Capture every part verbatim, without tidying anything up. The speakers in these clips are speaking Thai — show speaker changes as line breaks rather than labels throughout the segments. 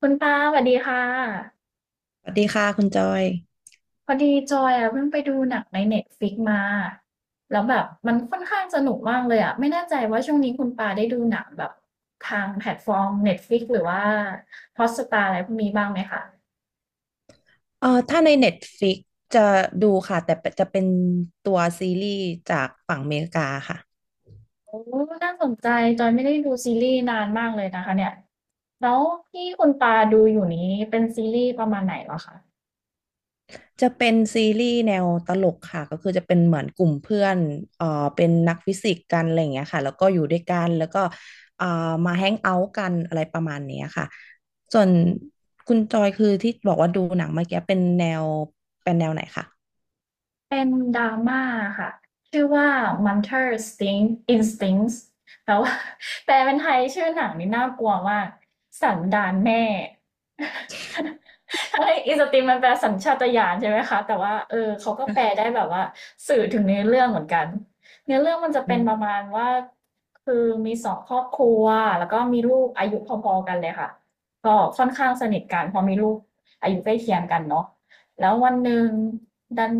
คุณปาสวัสดีค่ะ
สวัสดีค่ะคุณจอย
พอดีจอยอ่ะเพิ่งไปดูหนังในเน็ตฟ i ิกมาแล้วแบบมันค่อนข้างสนุกมากเลยอ่ะไม่แน่ใจว่าช่วงนี้คุณปาได้ดูหนังแบบทางแพลตฟอร์มเน็ตฟ i ิกหรือว่าฮอตสตาร์อะไรพวกนี้บ้างไหมคะ
เอ่อถ้าใน Netflix จะดูค่ะแต่จะเป็นตัวซีรีส์จากฝั่งอเมริกาค่ะ
โอ้น่าสนใจจอยไม่ได้ดูซีรีส์นานมากเลยนะคะเนี่ยแล้วที่คุณปาดูอยู่นี้เป็นซีรีส์ประมาณไหนเหรอคะ
จะเป็นซีรีส์แนวตลกค่ะก็คือจะเป็นเหมือนกลุ่มเพื่อนเอ่อเป็นนักฟิสิกส์กันอะไรอย่างเงี้ยค่ะแล้วก็อยู่ด้วยกันแล้วก็เอ่อมาแฮงเอาท์กันอะไรประมาณเนี้ยค่ะส่วนคุณจอยคือที่บอกว่าดูหนังเมื่อกี้เป็นแนวเป็นแนวไหนคะ
เป็นดราม่าค่ะชื่อว่า Munter Sting Instincts แต่ว่า แปลเป็นไทยชื่อหนังนี่น่ากลัวมากสันดานแม่ ทั้อินสติงมันแปลสัญชาตญาณใช่ไหมคะแต่ว่าเออเขาก็แปล
อ่ะ
ได้แบบว่าสื่อถึงเนื้อเรื่องเหมือนกันเนื้อเรื่องมันจะ
อื
เป็นประ
ม
มาณว่าคือมีสองครอบครัวแล้วก็มีลูกอายุพอๆกันเลยค่ะก็ค่อนข้างสนิทกันเพอมีลูกอายุใกล้เคียงกันเนาะ แล้ววันหนึ่งดัน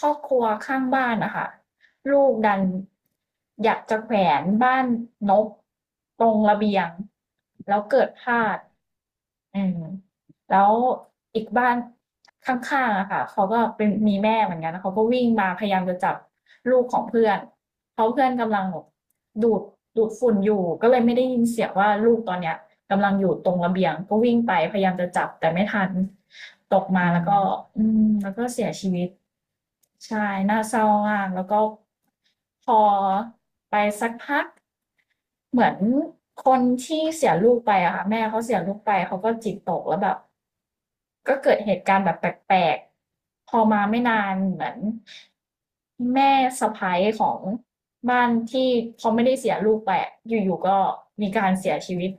ครอบครัวข้างบ้านนะคะลูกดันอยากจะแขวนบ้านนกตรงระเบียงแล้วเกิดพลาด อืมแล้วอีกบ้านข้างๆอะค่ะเขาก็เป็นมีแม่เหมือนกันเขาก็วิ่งมาพยายามจะจับลูกของเพื่อนเพราะเพื่อนกำลังแบบดูดดูดฝุ่นอยู่ก็เลยไม่ได้ยินเสียงว่าลูกตอนเนี้ยกำลังอยู่ตรงระเบียงก็วิ่งไปพยายามจะจับแต่ไม่ทันตกมา
อื
แล้ว
ม
ก็อืมแล้วก็เสียชีวิตใช่น่าเศร้ามากแล้วก็พอไปสักพัก เหมือนคนที่เสียลูกไปอะค่ะแม่เขาเสียลูกไปเขาก็จิตตกแล้วแบบก็เกิดเหตุการณ์แบบแปลกๆพอมาไม่นานเหมือนแม่สะใภ้ของบ้านที่เขาไม่ได้เสียลูกไปอะอยู่ๆก็มีการเสียชีวิต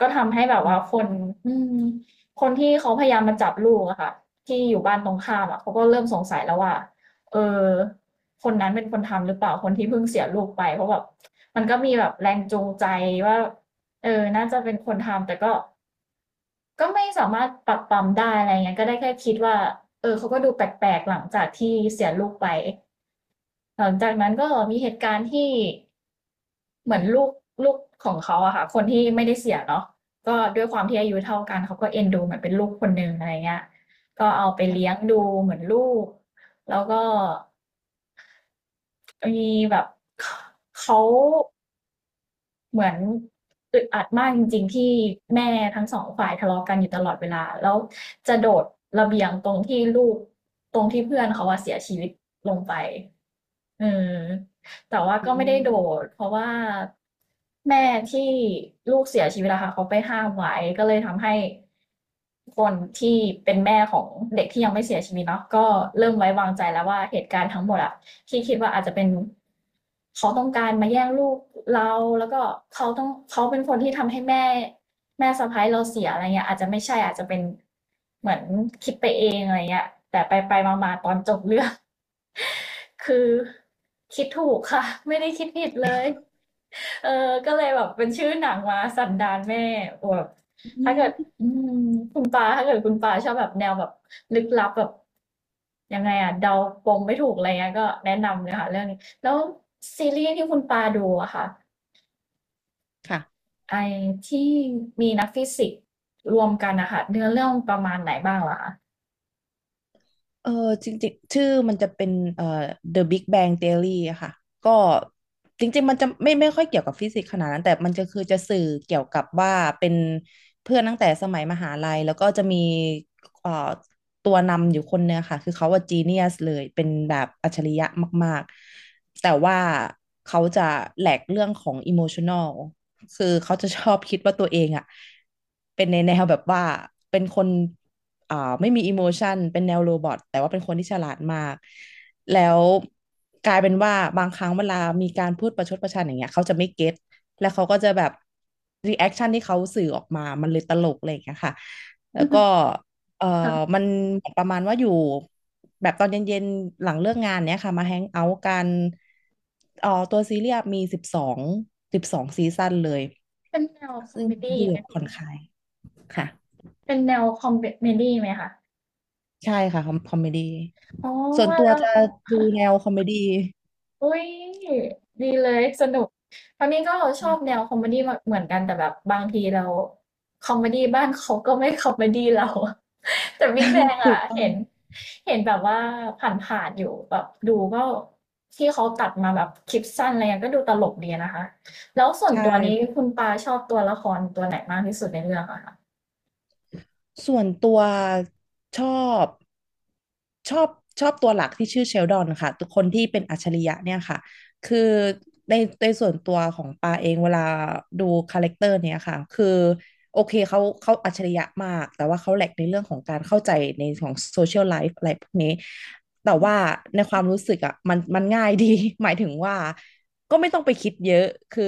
ก็ทำให้แบบ
อื
ว่าคน
ม
อืมคนที่เขาพยายามมาจับลูกอะค่ะที่อยู่บ้านตรงข้ามอะเขาก็เริ่มสงสัยแล้วว่าเออคนนั้นเป็นคนทำหรือเปล่าคนที่เพิ่งเสียลูกไปเพราะแบบ มันก็มีแบบแรงจูงใจว่าเออน่าจะเป็นคนทำแต่ก็ก็ไม่สามารถปรับปรำได้อะไรเงี้ยก็ได้แค่คิดว่าเออเขาก็ดูแปลกๆหลังจากที่เสียลูกไปหลังจากนั้นก็มีเหตุการณ์ที่เหมือนลูกลูกของเขาอะค่ะคนที่ไม่ได้เสียเนาะก็ด้วยความที่อายุเท่ากันเขาก็เอ็นดูเหมือนเป็นลูกคนหนึ่งอะไรเงี้ยก็เอาไปเลี้ยง
ค่ะ
ดูเหมือนลูกแล้วก็มีแบบเขา เหมือนอึดอัดมากจริงๆที่แม่ทั้งสองฝ่ายทะเลาะกันอยู่ตลอดเวลาแล้วจะโดดระเบียงตรงที่ลูกตรงที่เพื่อนเขาอะเสียชีวิตลงไปเออแต่ว่า
อื
ก็ไม่ได้โด
ม
ดเพราะว่าแม่ที่ลูกเสียชีวิตอะค่ะเขาไปห้ามไว้ก็เลยทำให้คนที่เป็นแม่ของเด็กที่ยังไม่เสียชีวิตเนาะก็เริ่มไว้วางใจแล้วว่าเหตุการณ์ทั้งหมดอะ ที่คิดว่าอาจจะเป็นเขาต้องการมาแย่งลูกเราแล้วก็เขาต้องเขาเป็นคนที่ทำให้แม่แม่สะพ้ายเราเสียอะไรเงี้ยอาจจะไม่ใช่อาจจะเป็นเหมือนคิดไปเองอะไรเงี้ยแต่ไปไปมาๆตอนจบเรื่อง คือคิดถูกค่ะ ไม่ได้คิดผิดเลยเออก็เลยแบบเป็นชื่อหนังมาสันดานแม่แบบ
อื
ถ้าเกิด
ม
อืมคุณปาถ้าเกิดคุณปาชอบแบบแนวแบบลึกลับแบบยังไงอะเดาปมไม่ถูกอะไรเงี้ยก็แนะนำเลยค่ะเรื่องนี้แล้วซีรีส์ที่คุณปาดูอะค่ะ
ค่ะ
ไอที่มีนักฟิสิกส์รวมกันนะคะเนื้อเรื่องประมาณไหนบ้างล่ะคะ
เออจริงๆชื่อมันจะเป็นเอ่อ The Big Bang Theory อะค่ะก็จริงๆมันจะไม่ไม่ค่อยเกี่ยวกับฟิสิกส์ขนาดนั้นแต่มันจะคือจะสื่อเกี่ยวกับว่าเป็นเพื่อนตั้งแต่สมัยมหาลัยแล้วก็จะมีเอ่อตัวนำอยู่คนเนี่ยค่ะคือเขาว่าจีเนียสเลยเป็นแบบอัจฉริยะมากๆแต่ว่าเขาจะแหลกเรื่องของอิโมชั n น l คือเขาจะชอบคิดว่าตัวเองอะเป็นในแนวแบบว่าเป็นคน เอ่อไม่มีอิโมชันเป็นแนวโรบอทแต่ว่าเป็นคนที่ฉลาดมากแล้วกลายเป็นว่าบางครั้งเวลามีการพูดประชดประชันอย่างเงี้ยเขาจะไม่เก็ตแล้วเขาก็จะแบบรีแอคชั่นที่เขาสื่อออกมามันเลยตลกอะไรอย่างเงี้ยค่ะแล้วก็ เอ่อมันประมาณว่าอยู่แบบตอนเย็นๆหลังเลิกงานเนี้ยค่ะมาแฮงเอาท์กันเอ่อตัวซีรีส์มีสิบสองสิบสองซีซั่นเลย
เป็นแนวคอม
ซึ่ง
เมดี้
ดู
ไห
แบ
ม
บผ่อนคลายค่ะ
เป็นแนวคอมเมดี้ไหมคะ
ใช่ค่ะคอมคอมเมดี้
อ๋อ
ส่วน
ว่า
ตัว
แล้ว
จะดูแนวคอมเมดี้
อุ้ยดีเลยสนุกทางนี้ก็ชอบ
นะ
แนวคอมเมดี้เหมือนกันแต่แบบบางทีเราคอมเมดี้บ้านเขาก็ไม่คอมเมดี้เรา แต่ Big Bang
ถู
อ่ะ
กต้อง
เห็นเห็นแบบว่าผ่านๆอยู่แบบดูก็ที่เขาตัดมาแบบคลิปสั้นอะไรเงี้ยก็ดูตลกดีนะคะแล้วส่วน
ใช่
ตัวนี้คุณปาชอบตัวละครตัวไหนมากที่สุดในเรื่องอะคะ
ส่วนตัวชอบชอบชอบตัวหลักที่ชื่อเชลดอนค่ะทุกคนที่เป็นอัจฉริยะเนี่ยค่ะคือในในส่วนตัวของปาเองเวลาดูคาแรคเตอร์เนี่ยค่ะคือโอเคเขาเขาอัจฉริยะมากแต่ว่าเขาแหลกในเรื่องของการเข้าใจในของโซเชียลไลฟ์อะไรพวกนี้ แต่ว่าในความรู้สึกอ่ะมันมันง่ายดี หมายถึงว่าก็ไม่ต้องไปคิดเยอะคือ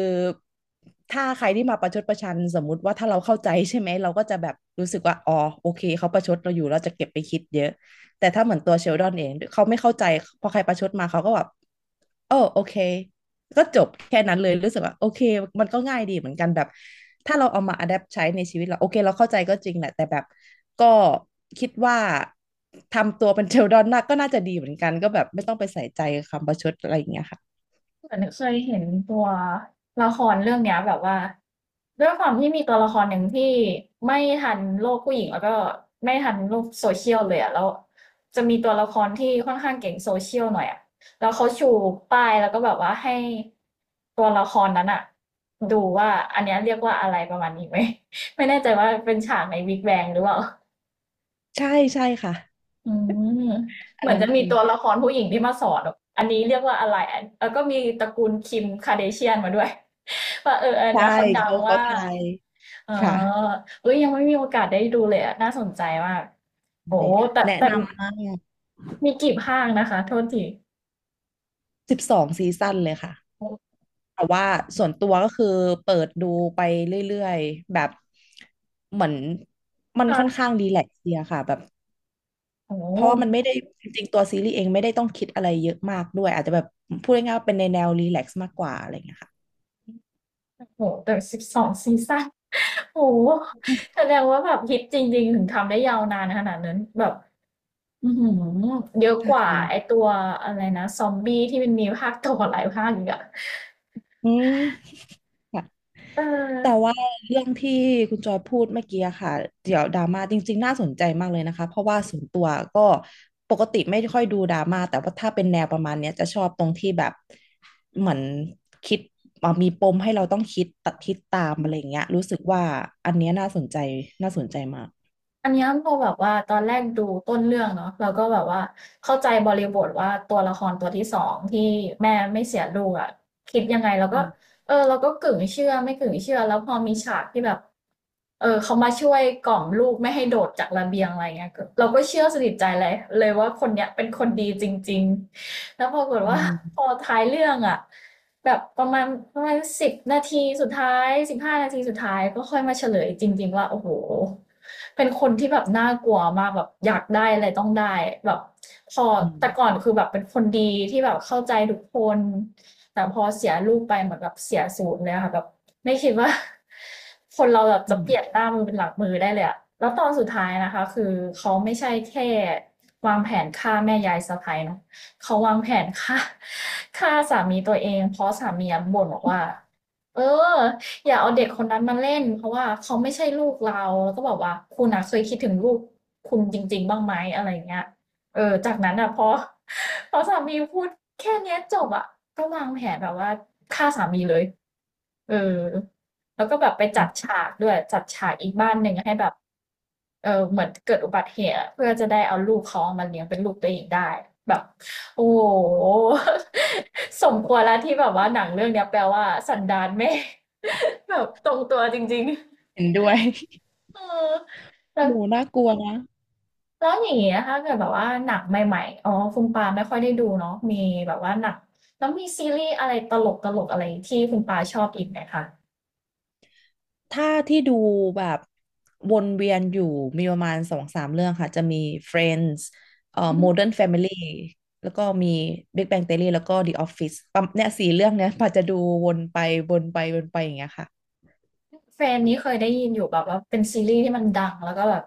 ถ้าใครที่มาประชดประชันสมมุติว่าถ้าเราเข้าใจใช่ไหมเราก็จะแบบรู้สึกว่าอ๋อโอเคเขาประชดเราอยู่เราจะเก็บไปคิดเยอะแต่ถ้าเหมือนตัวเชลดอนเองเขาไม่เข้าใจพอใครประชดมาเขาก็แบบเออโอเค ก็จบแค่นั้นเลยรู้สึกว่าโอเคมันก็ง่ายดีเหมือนกันแบบถ้าเราเอามาอัดแอปใช้ในชีวิตเราโอเคเราเข้าใจก็จริงแหละแต่แบบก็คิดว่าทำตัวเป็นเทลดอนน่กก็น่าจะดีเหมือนกันก็แบบไม่ต้องไปใส่ใจคำประชดอะไรอย่างเงี้ยค่ะ
เหมือนเคยเห็นตัวละครเรื่องเนี้ยแบบว่าด้วยความที่มีตัวละครหนึ่งที่ไม่ทันโลกผู้หญิงแล้วก็ไม่ทันโลกโซเชียลเลยอะแล้วจะมีตัวละครที่ค่อนข้างเก่งโซเชียลหน่อยอะแล้วเขาชูป้ายแล้วก็แบบว่าให้ตัวละครนั้นอะดูว่าอันเนี้ยเรียกว่าอะไรประมาณนี้ไหม ไม่แน่ใจว่าเป็นฉากในวิกแบงหรือเปล่า
ใช่ใช่ค่ะ
อืม
อั
เห
น
มือน
นั้น
จะมี
เลย
ตัวละครผู้หญิงที่มาสอนแบบอันนี้เรียกว่าอะไรอันแล้วก็มีตระกูลคิมคาเดเชียนมาด้วย ว่าเอออัน
ใช่
เนี้ยเขาดัง
เขาเขา
ว่า
ไทย
เออ
ค่ะ
เอ้ยยังไม่มีโอกาสได้ดูเลยอะน่าสนใจมากโอ้แต่
แนะ
แต่
นำมาก
มีกี่ภาคนะคะโทษที
สิบสองซีซั่นเลยค่ะ
โอ้
แต่ว่าส่วนตัวก็คือเปิดดูไปเรื่อยๆแบบเหมือนมันค่อนข้า
ค่ะ
งรีแลกซ์ดีอะค่ะแบบ
โอ
เพราะว่ามัน
้
ไม่ได้จริงๆตัวซีรีส์เองไม่ได้ต้องคิดอะไรเยอะมากด้วยอาจจะแบบพูดง่ายๆว่าเป็นในแนวรีแลกซ์มากกว่าอะไรอย่างเงี้ยค่ะ
โหแต่สิบสองซีซั่นโอ้โหแสดงว่าแบบฮิตจริงๆถึงทำได้ยาวนานขนาดนั้นแบบ อือหือเยอะ
ใช่
กว่าไอตัวอะไรนะซอมบี้ที่มันมีภาคต่อหลายภาคอีกอะ
อืมค่ะ
เออ
แต่ว่าเรื่องที่คุณจอยพูดเมื่อกี้อะค่ะเดี๋ยวดราม่าจริงๆน่าสนใจมากเลยนะคะเพราะว่าส่วนตัวก็ปกติไม่ค่อยดูดราม่าแต่ว่าถ้าเป็นแนวประมาณเนี้ยจะชอบตรงที่แบบเหมือนคิดอ่ะมีปมให้เราต้องคิดตัดคิดตามอะไรอย่างเงี้ยรู้สึกว่าอันเนี้ยน่าสนใจน่าสนใจมาก
อันเนี้ยพอแบบว่าตอนแรกดูต้นเรื่องเนาะเราก็แบบว่าเข้าใจบริบทว่าตัวละครตัวที่สองที่แม่ไม่เสียลูกอะคิดยังไงเรา
อื
ก็
ม
เออเราก็กึ่งเชื่อไม่กึ่งเชื่อแล้วพอมีฉากที่แบบเออเขามาช่วยกล่อมลูกไม่ให้โดดจากระเบียงอะไรเงี้ยก็เราก็เชื่อสนิทใจเลยเลยว่าคนเนี้ยเป็นคนดีจริงๆ แล้วปรากฏ
อื
ว่า พอ
ม
ท้ายเรื่องอะแบบประมาณประมาณสิบนาทีสุดท้ายสิบห้านาทีสุดท้ายก็ค่อยมาเฉลยจริงๆว่าโอ้โหเป็นคนที่แบบน่ากลัวมากแบบอยากได้อะไรต้องได้แบบพอ
อื
แต่ก่อ
ม
นคือแบบเป็นคนดีที่แบบเข้าใจทุกคนแต่พอเสียลูกไปเหมือนแบบเสียศูนย์เลยอะค่ะแบบไม่คิดว่า คนเราแบบ
อื
จะเป
ม
ลี่ยนหน้ามือเป็นหลังมือได้เลยอะแล้วตอนสุดท้ายนะคะคือเขาไม่ใช่แค่วางแผนฆ่าแม่ยายสะใภ้เนาะ เขาวางแผนฆ่า ฆ่าสามีตัวเองเพราะสามีบ่นบอกว่าเอออย่าเอาเด็กคนนั้นมาเล่นเพราะว่าเขาไม่ใช่ลูกเราแล้วก็บอกว่าคุณอะเคยคิดถึงลูกคุณจริงๆบ้างไหมอะไราเงี้ยเออจากนั้นอะพอ พอสามีพูดแค่นี้จบอะก็วางแผนแบบว่าฆ่าสามีเลยเออแล้วก็แบบไป
อื
จัด
ม
ฉากด้วยจัดฉากอีกบ้านหนึ่งให้แบบเออเหมือนเกิดอุบัติเหตุอะเพื่อจะได้เอาลูกเขาามาเลี้ยงเป็นลูกตัวเองได้แบบ โอ้โห สมควรแล้วที่แบบว่าหนังเรื่องเนี้ยแปลว่าสันดานแม่ แบบตรงตัวจริง
เห็นด้วย
ๆเออแล้
ห
ว
มูน่ากลัวนะ
แล้วอย่างเงี้ยถ้าเกิดแบบว่าหนังใหม่ๆอ๋อคุณปาไม่ค่อยได้ดูเนาะมีแบบว่าหนังแล้วมีซีรีส์อะไรตลกตลกอะไรที่คุณปาชอบอีกไหมคะ
ถ้าที่ดูแบบวนเวียนอยู่มีประมาณสองสามเรื่องค่ะจะมี Friends เอ่อ Modern Family แล้วก็มี Big Bang Theory แล้วก็ The Office ปั๊มเนี่ยสี่เรื่องเนี้ยป่าจะดูวนไปวนไปวนไปอย่างเงี้ยค่ะ
เฟรนนี้เคยได้ยินอยู่แบบว่าเป็นซีรีส์ที่มันดังแล้วก็แบบ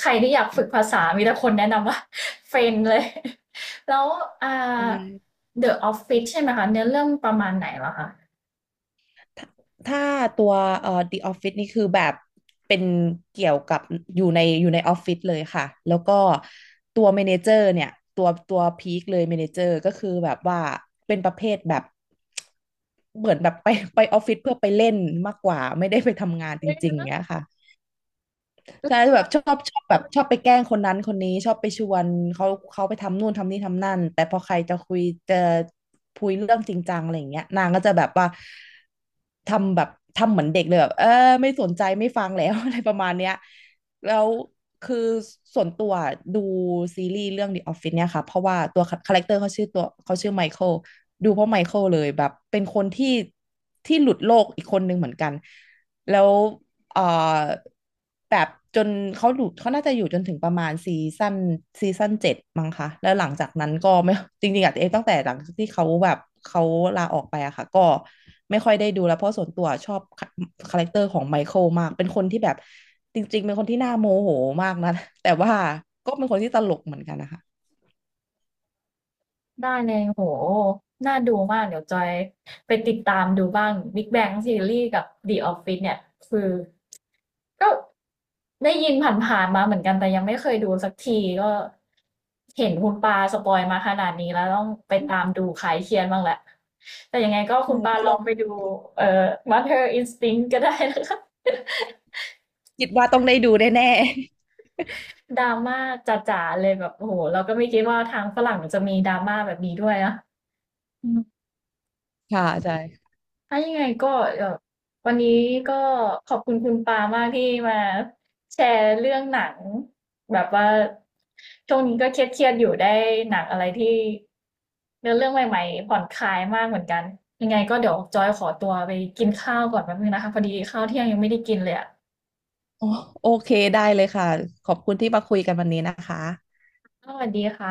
ใครที่อยากฝึกภาษามีแต่คนแนะนำว่า เฟรนเลย แล้วอ่า
ใช่
The Office ใช่ไหมคะเนื้อเรื่องประมาณไหนล่ะคะ
ถ้าถ้าตัวเอ่อ The Office นี่คือแบบเป็นเกี่ยวกับอยู่ในอยู่ในออฟฟิศเลยค่ะแล้วก็ตัวเมเนเจอร์เนี่ยตัวตัวพีคเลยเมเนเจอร์ก็คือแบบว่าเป็นประเภทแบบเหมือนแบบไปไปออฟฟิศเพื่อไปเล่นมากกว่าไม่ได้ไปทำงานจ
เนื้อ
ริง
เรื่
ๆ
อง
เนี้ยค่ะ
ลึก
ใช่แบ
มา
บ
ก
ชอบชอบแบบชอบไปแกล้งคนนั้นคนนี้ชอบไปชวนเขาเขาไปทำนู่นทำนี่ทำนั่นแต่พอใครจะคุยจะคุยเรื่องจริงจังอะไรอย่างเงี้ยนางก็จะแบบว่าทำแบบทำเหมือนเด็กเลยแบบเออไม่สนใจไม่ฟังแล้ว อะไรประมาณเนี้ยแล้วคือส่วนตัวดูซีรีส์เรื่อง The Office เนี่ยค่ะเพราะว่าตัวคาแรคเตอร์เขาชื่อตัวเขาชื่อไมเคิลดูเพราะไมเคิลเลยแบบเป็นคนที่ที่หลุดโลกอีกคนนึงเหมือนกัน แล้วเอ่อแบบจนเขาอยู่เขาน่าจะอยู่จนถึงประมาณซีซั่นซีซั่นเจ็ดมั้งคะแล้วหลังจากนั้นก็ไม่ จริงๆอะเองตั้งแต่หลังจากที่เขาแบบเขาลาออกไปอะค่ะก็ไม่ค่อยได้ดูแล้วเพราะส่วนตัวชอบคาแรคเตอร์ของไมเคิลมากเป็นคนที่แบบจริงๆเป็นคนที่น่าโมโหมากนะ แต่ว่าก็เป็นคนที่ตลกเหมือนกันนะคะ
ได้เลยโหน่าดูมากเดี๋ยวจอยไปติดตามดูบ้าง บิ๊กแบงทีออรี่ กับ เดอะออฟฟิศ เนี่ยคือ ก็ได้ยินผ่านๆมาเหมือนกันแต่ยังไม่เคยดูสักทีก็เห็นคุณปาสปอยมาขนาดนี้แล้วต้องไปตามดูคลายเครียดบ้างแหละแต่ยังไงก็คุ
ใช่
ณปา
ไป
ล
ล
อ
อ
งไป
ง
ดูเอ่อ มาเธอร์อินสติงต์ ก็ได้นะคะ
คิดว่าต้องได้ดูแน่
ดราม่าจ๋าๆเลยแบบโอ้โหเราก็ไม่คิดว่าทางฝรั่งจะมีดราม่าแบบนี้ด้วยนะอืม
ๆค่ะใช่
ถ้ายังไงก็เอ่อวันนี้ก็ขอบคุณคุณปามากที่มาแชร์เรื่องหนังแบบว่าช่วงนี้ก็เครียดๆอยู่ได้หนังอะไรที่เนื้อเรื่องใหม่ๆผ่อนคลายมากเหมือนกันยังไงก็เดี๋ยวจอยขอตัวไปกินข้าวก่อนแป๊บนึงนะคะพอดีข้าวเที่ยงยังไม่ได้กินเลยอ่ะ
โอโอเคได้เลยค่ะขอบคุณที่มาคุยกันวันนี้นะคะ
สวัสดีค่ะ